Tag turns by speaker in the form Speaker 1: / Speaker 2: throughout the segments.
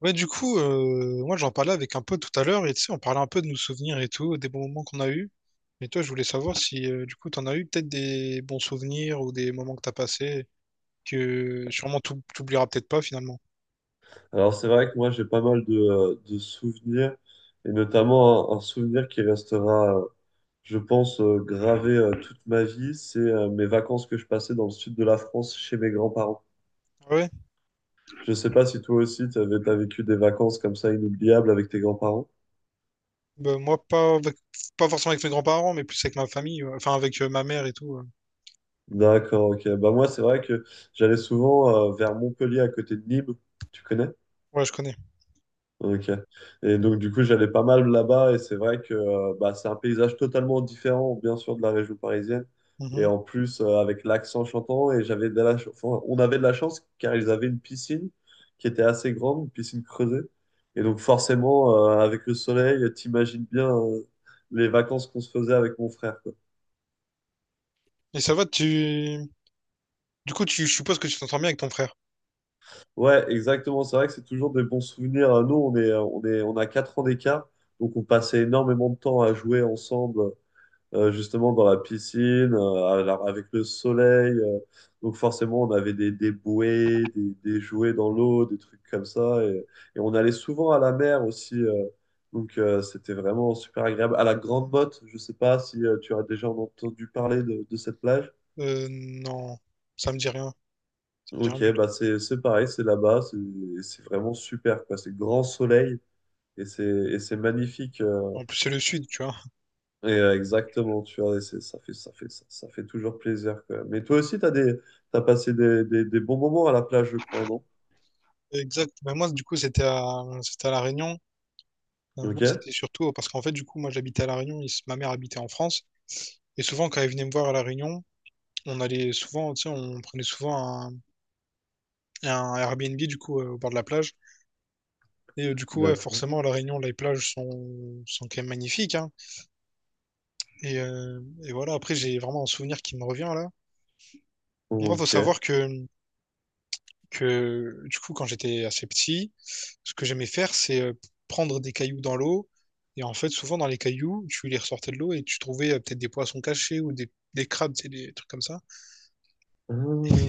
Speaker 1: Ouais, du coup, moi j'en parlais avec un pote tout à l'heure et tu sais, on parlait un peu de nos souvenirs et tout, des bons moments qu'on a eus. Et toi, je voulais savoir si du coup t'en as eu peut-être des bons souvenirs ou des moments que t'as passés que sûrement t'oublieras peut-être pas finalement.
Speaker 2: Alors c'est vrai que moi j'ai pas mal de souvenirs, et notamment un souvenir qui restera, je pense, gravé toute ma vie, c'est mes vacances que je passais dans le sud de la France chez mes grands-parents.
Speaker 1: Ouais,
Speaker 2: Je sais pas si toi aussi tu as vécu des vacances comme ça inoubliables avec tes grands-parents.
Speaker 1: bah, moi pas, pas forcément avec mes grands-parents, mais plus avec ma famille, ouais. Enfin avec ma mère et tout. Ouais.
Speaker 2: D'accord, ok. Bah moi c'est vrai que j'allais souvent vers Montpellier à côté de Nîmes, tu connais?
Speaker 1: Ouais, je connais.
Speaker 2: Ok. Et donc, du coup, j'allais pas mal là-bas et c'est vrai que c'est un paysage totalement différent, bien sûr, de la région parisienne. Et
Speaker 1: Mhm.
Speaker 2: en plus, avec l'accent chantant, et j'avais enfin, on avait de la chance car ils avaient une piscine qui était assez grande, une piscine creusée. Et donc, forcément, avec le soleil, t'imagines bien les vacances qu'on se faisait avec mon frère, quoi.
Speaker 1: Et ça va, tu. Du coup, tu, je suppose que tu t'entends bien avec ton frère.
Speaker 2: Ouais, exactement. C'est vrai que c'est toujours des bons souvenirs. Nous, on a quatre ans d'écart, donc on passait énormément de temps à jouer ensemble. Justement dans la piscine, avec le soleil. Donc forcément, on avait des bouées, des jouets dans l'eau, des trucs comme ça. Et on allait souvent à la mer aussi. Donc c'était vraiment super agréable. À la Grande Motte, je sais pas si tu as déjà entendu parler de cette plage.
Speaker 1: Non, ça me dit rien. J'ai rien
Speaker 2: Ok,
Speaker 1: du
Speaker 2: bah
Speaker 1: tout.
Speaker 2: c'est pareil, c'est là-bas, c'est vraiment super, quoi. C'est grand soleil et c'est magnifique.
Speaker 1: En plus, c'est le sud, tu vois.
Speaker 2: Et, exactement, tu vois, ça fait, ça fait toujours plaisir quand même. Mais toi aussi, t'as passé des bons moments à la plage, je crois, non?
Speaker 1: Exact. Bah, moi, du coup, c'était à La Réunion. Moi,
Speaker 2: Ok,
Speaker 1: c'était surtout parce qu'en fait, du coup, moi, j'habitais à La Réunion. Ma mère habitait en France. Et souvent, quand elle venait me voir à La Réunion, on allait souvent, tu sais, on prenait souvent un, un Airbnb, du coup, au bord de la plage. Et du coup, ouais,
Speaker 2: d'accord.
Speaker 1: forcément, à La Réunion, les plages sont quand même magnifiques, hein. Et, euh, et voilà, après, j'ai vraiment un souvenir qui me revient, là. Moi, faut
Speaker 2: Ok.
Speaker 1: savoir que du coup, quand j'étais assez petit, ce que j'aimais faire, c'est prendre des cailloux dans l'eau. Et en fait, souvent dans les cailloux, tu les ressortais de l'eau et tu trouvais peut-être des poissons cachés ou des crabes, tu sais, des trucs comme ça.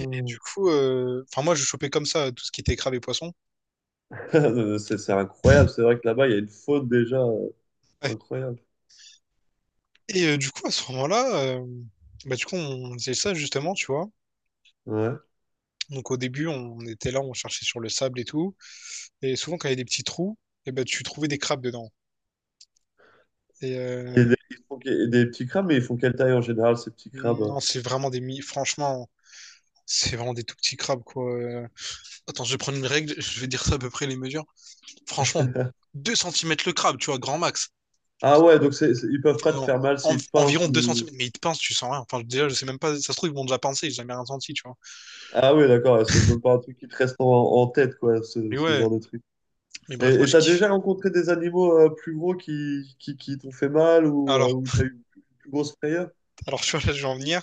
Speaker 1: Et du coup, enfin moi, je chopais comme ça tout ce qui était crabes et poissons.
Speaker 2: C'est incroyable, c'est vrai que là-bas, il y a une faune déjà incroyable.
Speaker 1: Et du coup, à ce moment-là, bah, du coup, on faisait ça justement, tu vois.
Speaker 2: Ouais.
Speaker 1: Donc au début, on était là, on cherchait sur le sable et tout. Et souvent, quand il y a des petits trous, et ben tu trouvais des crabes dedans. Et
Speaker 2: Et des petits crabes, mais ils font quelle taille en général, ces petits crabes?
Speaker 1: non, c'est vraiment franchement, c'est vraiment des tout petits crabes, quoi. Attends, je vais prendre une règle, je vais dire ça à peu près les mesures. Franchement, 2 cm le crabe, tu vois, grand max.
Speaker 2: Ah ouais, ils peuvent pas
Speaker 1: Enfin,
Speaker 2: te faire mal s'ils te pincent
Speaker 1: environ 2
Speaker 2: ou...
Speaker 1: centimètres. Mais ils te pincent, tu sens rien. Enfin, déjà, je sais même pas, ça se trouve, ils m'ont déjà pincé, j'ai jamais rien senti, tu vois.
Speaker 2: Ah oui, d'accord, ouais, c'est même pas un truc qui te reste en tête, quoi,
Speaker 1: Mais
Speaker 2: ce
Speaker 1: ouais,
Speaker 2: genre de truc.
Speaker 1: mais bref,
Speaker 2: Et
Speaker 1: moi, je
Speaker 2: t'as
Speaker 1: kiffe.
Speaker 2: déjà rencontré des animaux plus gros qui t'ont fait mal ou
Speaker 1: Alors,
Speaker 2: où t'as eu une plus grosse frayeur?
Speaker 1: alors, tu vois, là, je vais en venir.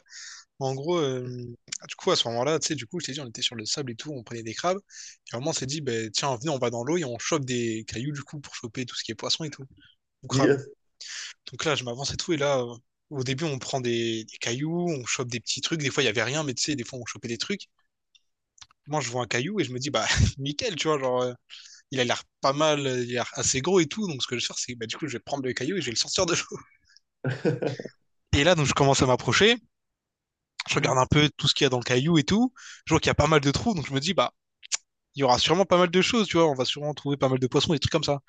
Speaker 1: En gros, du coup, à ce moment-là, tu sais, du coup, je t'ai dit, on était sur le sable et tout, on prenait des crabes. Et à un moment, on s'est dit, ben, tiens, venez, on va dans l'eau et on chope des cailloux, du coup, pour choper tout ce qui est poisson et tout, ou crabe.
Speaker 2: Yes.
Speaker 1: Donc là, je m'avance et tout. Et là, au début, on prend des cailloux, on chope des petits trucs. Des fois, il y avait rien, mais tu sais, des fois, on chopait des trucs. Moi, je vois un caillou et je me dis, bah, nickel, tu vois, genre, il a l'air pas mal, il a l'air assez gros et tout. Donc, ce que je vais faire, c'est, bah, du coup, je vais prendre le caillou et je vais le sortir de l'eau. Et là, donc, je commence à m'approcher. Je regarde un peu tout ce qu'il y a dans le caillou et tout. Je vois qu'il y a pas mal de trous. Donc, je me dis, bah, il y aura sûrement pas mal de choses, tu vois. On va sûrement trouver pas mal de poissons, des trucs comme ça.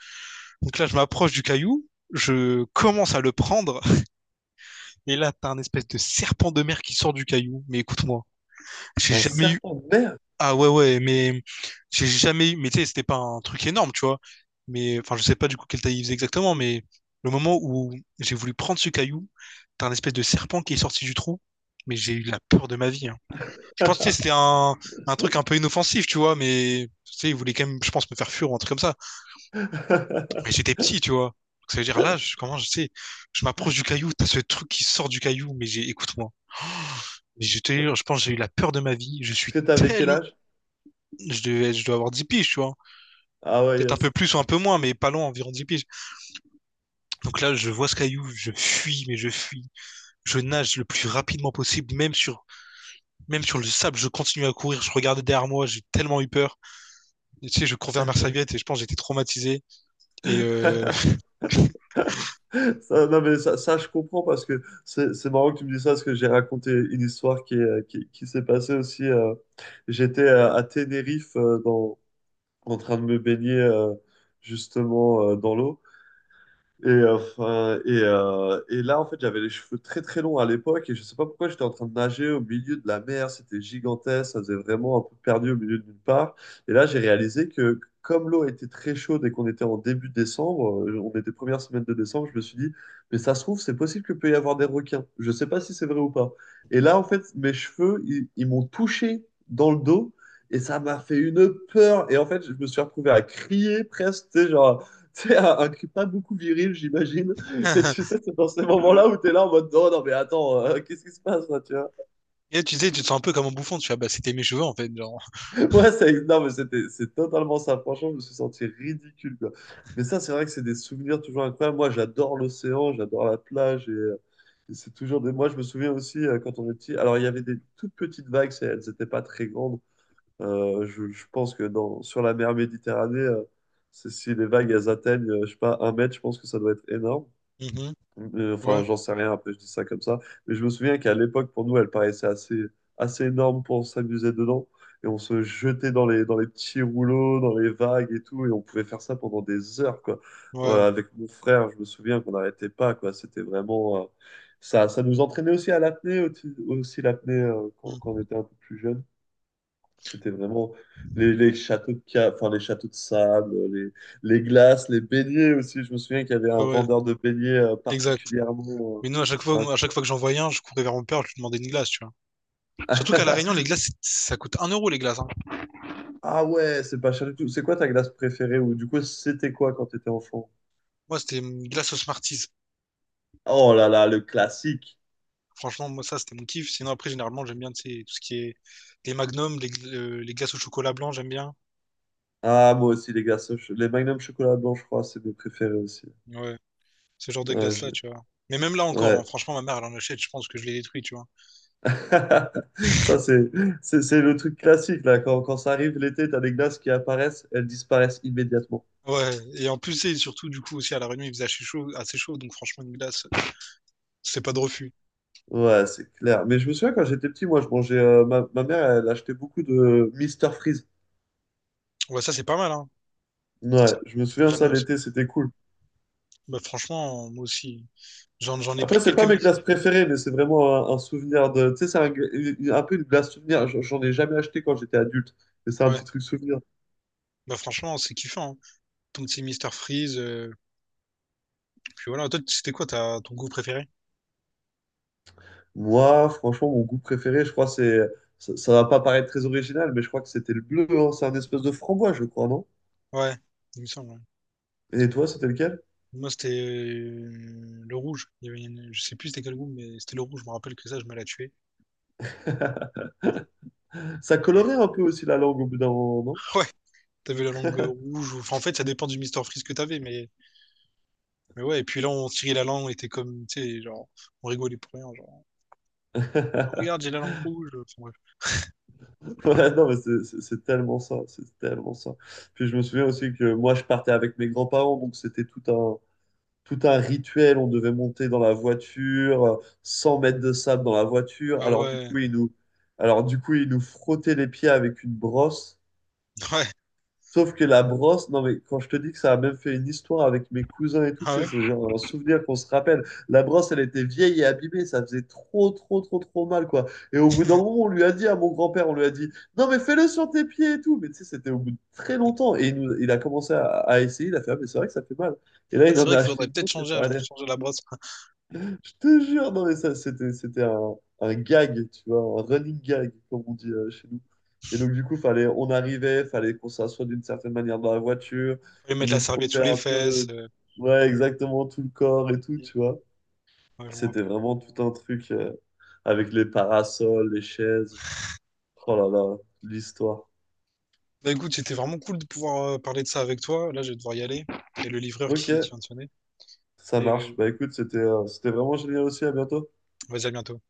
Speaker 1: Donc là, je m'approche du caillou. Je commence à le prendre. Et là, t'as un espèce de serpent de mer qui sort du caillou. Mais écoute-moi. J'ai
Speaker 2: Un
Speaker 1: jamais eu.
Speaker 2: serpent de mer?
Speaker 1: Ah ouais, ouais, mais j'ai jamais eu. Mais tu sais, c'était pas un truc énorme, tu vois. Mais enfin, je sais pas du coup quelle taille il faisait exactement, mais le moment où j'ai voulu prendre ce caillou, t'as un espèce de serpent qui est sorti du trou, mais j'ai eu la peur de ma vie. Hein. Je pense que tu sais, c'était un truc un peu inoffensif, tu vois, mais tu sais, il voulait quand même, je pense, me faire fuir ou un truc comme ça. Mais j'étais petit, tu vois. Donc, ça veut dire là, je, comment je sais, je m'approche du caillou, t'as ce truc qui sort du caillou, mais j'ai, écoute-moi. Mais je te jure, je pense que j'ai eu la peur de ma vie. Je suis
Speaker 2: Est-ce que t'avais quel
Speaker 1: tellement,
Speaker 2: âge?
Speaker 1: je dois avoir 10 piges, tu vois.
Speaker 2: Ah ouais,
Speaker 1: Peut-être un peu
Speaker 2: yes.
Speaker 1: plus ou un peu moins, mais pas loin, environ 10 piges. Donc là, je vois ce caillou, je fuis, mais je fuis. Je nage le plus rapidement possible, même sur le sable, je continue à courir. Je regardais derrière moi, j'ai tellement eu peur. Et, tu sais, je cours vers ma serviette et je pense que j'étais traumatisé. Et, euh...
Speaker 2: Ça, non mais ça, je comprends parce que c'est marrant que tu me dises ça parce que j'ai raconté une histoire qui s'est passée aussi. J'étais à Tenerife en train de me baigner justement dans l'eau. Et là, en fait, j'avais les cheveux très très longs à l'époque et je sais pas pourquoi j'étais en train de nager au milieu de la mer. C'était gigantesque, ça faisait vraiment un peu perdu au milieu de nulle part. Et là, j'ai réalisé que comme l'eau était très chaude et qu'on était en début décembre, on était première semaine de décembre, je me suis dit, mais ça se trouve, c'est possible que peut y avoir des requins. Je sais pas si c'est vrai ou pas. Et là, en fait, mes cheveux, ils m'ont touché dans le dos et ça m'a fait une peur. Et en fait, je me suis retrouvé à crier presque, tu sais, genre c'est un cri pas beaucoup viril, j'imagine. Et tu sais, c'est dans ces moments-là où t'es là en mode non, mais attends, qu'est-ce qui se passe là, tu vois?
Speaker 1: et là, tu sais, tu te sens un peu comme un bouffon, tu vois, bah, c'était mes cheveux en fait. Genre.
Speaker 2: Ouais, ça, non, mais c'était, c'est totalement ça. Franchement, je me suis senti ridicule, quoi. Mais ça, c'est vrai que c'est des souvenirs toujours incroyables. Moi, j'adore l'océan, j'adore la plage et c'est toujours des. Moi, je me souviens aussi quand on est petit. Alors, il y avait des toutes petites vagues, elles n'étaient pas très grandes. Je pense que sur la mer Méditerranée, si les vagues elles atteignent, je sais pas, un mètre, je pense que ça doit être énorme.
Speaker 1: Mhm.
Speaker 2: Euh,
Speaker 1: Ouais,
Speaker 2: Enfin, j'en sais rien, un peu, je dis ça comme ça. Mais je me souviens qu'à l'époque, pour nous, elle paraissait assez énorme pour s'amuser dedans. Et on se jetait dans les petits rouleaux, dans les vagues et tout. Et on pouvait faire ça pendant des heures, quoi. Ouais,
Speaker 1: ouais.
Speaker 2: avec mon frère, je me souviens qu'on n'arrêtait pas, quoi. C'était vraiment. Ça, ça nous entraînait aussi à l'apnée, aussi l'apnée quand on
Speaker 1: Mm.
Speaker 2: était un peu plus jeune. C'était vraiment les châteaux de ca- enfin les châteaux de sable, les glaces, les beignets aussi. Je me souviens qu'il y avait un
Speaker 1: Ouais, ouais,
Speaker 2: vendeur de beignets
Speaker 1: exact.
Speaker 2: particulièrement.
Speaker 1: Mais nous,
Speaker 2: C'était
Speaker 1: à chaque fois que j'en voyais un, je courais vers mon père, je lui demandais une glace, tu vois. Surtout qu'à La Réunion, les
Speaker 2: un-
Speaker 1: glaces, ça coûte 1 € les glaces. Hein.
Speaker 2: Ah ouais, c'est pas cher du tout. C'est quoi ta glace préférée ou du coup c'était quoi quand t'étais enfant?
Speaker 1: Moi, c'était une glace au Smarties.
Speaker 2: Oh là là, le classique.
Speaker 1: Franchement, moi, ça, c'était mon kiff. Sinon, après, généralement, j'aime bien tu sais, tout ce qui est les magnums, les glaces au chocolat blanc, j'aime bien.
Speaker 2: Ah moi aussi les glaces, au ch- les Magnum chocolat blanc, je crois, c'est mes préférés aussi.
Speaker 1: Ouais, ce genre de
Speaker 2: Ouais. je-
Speaker 1: glace-là, tu vois. Mais même là encore,
Speaker 2: ouais.
Speaker 1: hein, franchement, ma mère, elle en achète, je pense que je l'ai détruit, tu vois.
Speaker 2: Ça c'est le truc classique là. Quand ça arrive l'été, t'as des glaces qui apparaissent, elles disparaissent immédiatement.
Speaker 1: Ouais, et en plus, c'est surtout, du coup, aussi à La Réunion, il faisait assez chaud, donc franchement, une glace, c'est pas de refus.
Speaker 2: Ouais, c'est clair. Mais je me souviens quand j'étais petit, moi, je mangeais. Ma mère, elle achetait beaucoup de Mister Freeze.
Speaker 1: Ouais, ça, c'est pas mal, hein. Ça,
Speaker 2: Ouais, je me souviens
Speaker 1: jamais
Speaker 2: ça
Speaker 1: aussi.
Speaker 2: l'été, c'était cool.
Speaker 1: Bah, franchement, moi aussi. J'en ai
Speaker 2: Après,
Speaker 1: pris
Speaker 2: c'est
Speaker 1: quelques
Speaker 2: pas mes
Speaker 1: mix.
Speaker 2: glaces préférées, mais c'est vraiment un souvenir de. Tu sais, c'est un peu une glace souvenir. J'en ai jamais acheté quand j'étais adulte, mais c'est un
Speaker 1: Ouais,
Speaker 2: petit truc souvenir.
Speaker 1: bah, franchement, c'est kiffant. Hein. Ton petit Mr. Freeze, puis voilà. Toi, c'était quoi ton goût préféré?
Speaker 2: Moi, franchement, mon goût préféré, je crois, c'est. Ça va pas paraître très original, mais je crois que c'était le bleu. Hein. C'est un espèce de framboise, je crois, non?
Speaker 1: Ouais, il me semble. Hein.
Speaker 2: Et toi, c'était lequel?
Speaker 1: Moi, c'était le rouge. Il y avait je sais plus c'était quel goût, mais c'était le rouge. Je me rappelle que ça, je me la tuais.
Speaker 2: Ça
Speaker 1: Et...
Speaker 2: colorait un peu aussi la langue au bout d'un moment,
Speaker 1: Ouais, t'avais la langue rouge. Enfin, en fait, ça dépend du Mister Freeze que t'avais, mais. Mais ouais. Et puis là, on tirait la langue, on était comme, tu sais, genre, on rigolait pour rien. Genre,
Speaker 2: non?
Speaker 1: regarde, j'ai la langue rouge. Enfin, bref.
Speaker 2: Ouais, non, mais c'est tellement ça, c'est tellement ça. Puis je me souviens aussi que moi, je partais avec mes grands-parents, donc c'était tout un rituel. On devait monter dans la voiture, 100 mètres de sable dans la voiture.
Speaker 1: Ah
Speaker 2: Alors du
Speaker 1: ouais,
Speaker 2: coup, ils nous, alors, du coup, ils nous frottaient les pieds avec une brosse.
Speaker 1: ouais,
Speaker 2: Sauf que la brosse, non mais quand je te dis que ça a même fait une histoire avec mes cousins et tout, tu
Speaker 1: ah
Speaker 2: sais,
Speaker 1: ouais.
Speaker 2: c'est genre un souvenir qu'on se rappelle. La brosse, elle était vieille et abîmée, ça faisait trop mal, quoi. Et au bout d'un moment, on lui a dit à mon grand-père, on lui a dit, non mais fais-le sur tes pieds et tout. Mais tu sais, c'était au bout de très longtemps. Il a commencé à essayer, il a fait, ah mais c'est vrai que ça fait mal. Et là,
Speaker 1: Ah,
Speaker 2: il
Speaker 1: c'est
Speaker 2: en
Speaker 1: vrai
Speaker 2: a
Speaker 1: qu'il
Speaker 2: acheté
Speaker 1: faudrait
Speaker 2: une
Speaker 1: peut-être
Speaker 2: autre et
Speaker 1: changer,
Speaker 2: ça
Speaker 1: hein, je
Speaker 2: allait.
Speaker 1: pense changer la brosse.
Speaker 2: Je te jure, non mais ça, c'était un gag, tu vois, un running gag, comme on dit chez nous. Et donc du coup, fallait qu'on s'assoie d'une certaine manière dans la voiture,
Speaker 1: Fallait
Speaker 2: ils
Speaker 1: mettre
Speaker 2: nous
Speaker 1: la serviette
Speaker 2: frottaient
Speaker 1: sous les
Speaker 2: un
Speaker 1: fesses.
Speaker 2: peu, ouais, exactement tout le corps et tout, tu vois.
Speaker 1: Ouais, je me
Speaker 2: C'était
Speaker 1: rappelle.
Speaker 2: vraiment tout un truc avec les parasols, les chaises. Oh là là, l'histoire.
Speaker 1: Bah écoute, c'était vraiment cool de pouvoir parler de ça avec toi. Là, je vais devoir y aller. Et le livreur
Speaker 2: Ok,
Speaker 1: qui vient de sonner.
Speaker 2: ça
Speaker 1: Et
Speaker 2: marche. Bah écoute, c'était vraiment génial aussi, à bientôt.
Speaker 1: vas-y, à bientôt.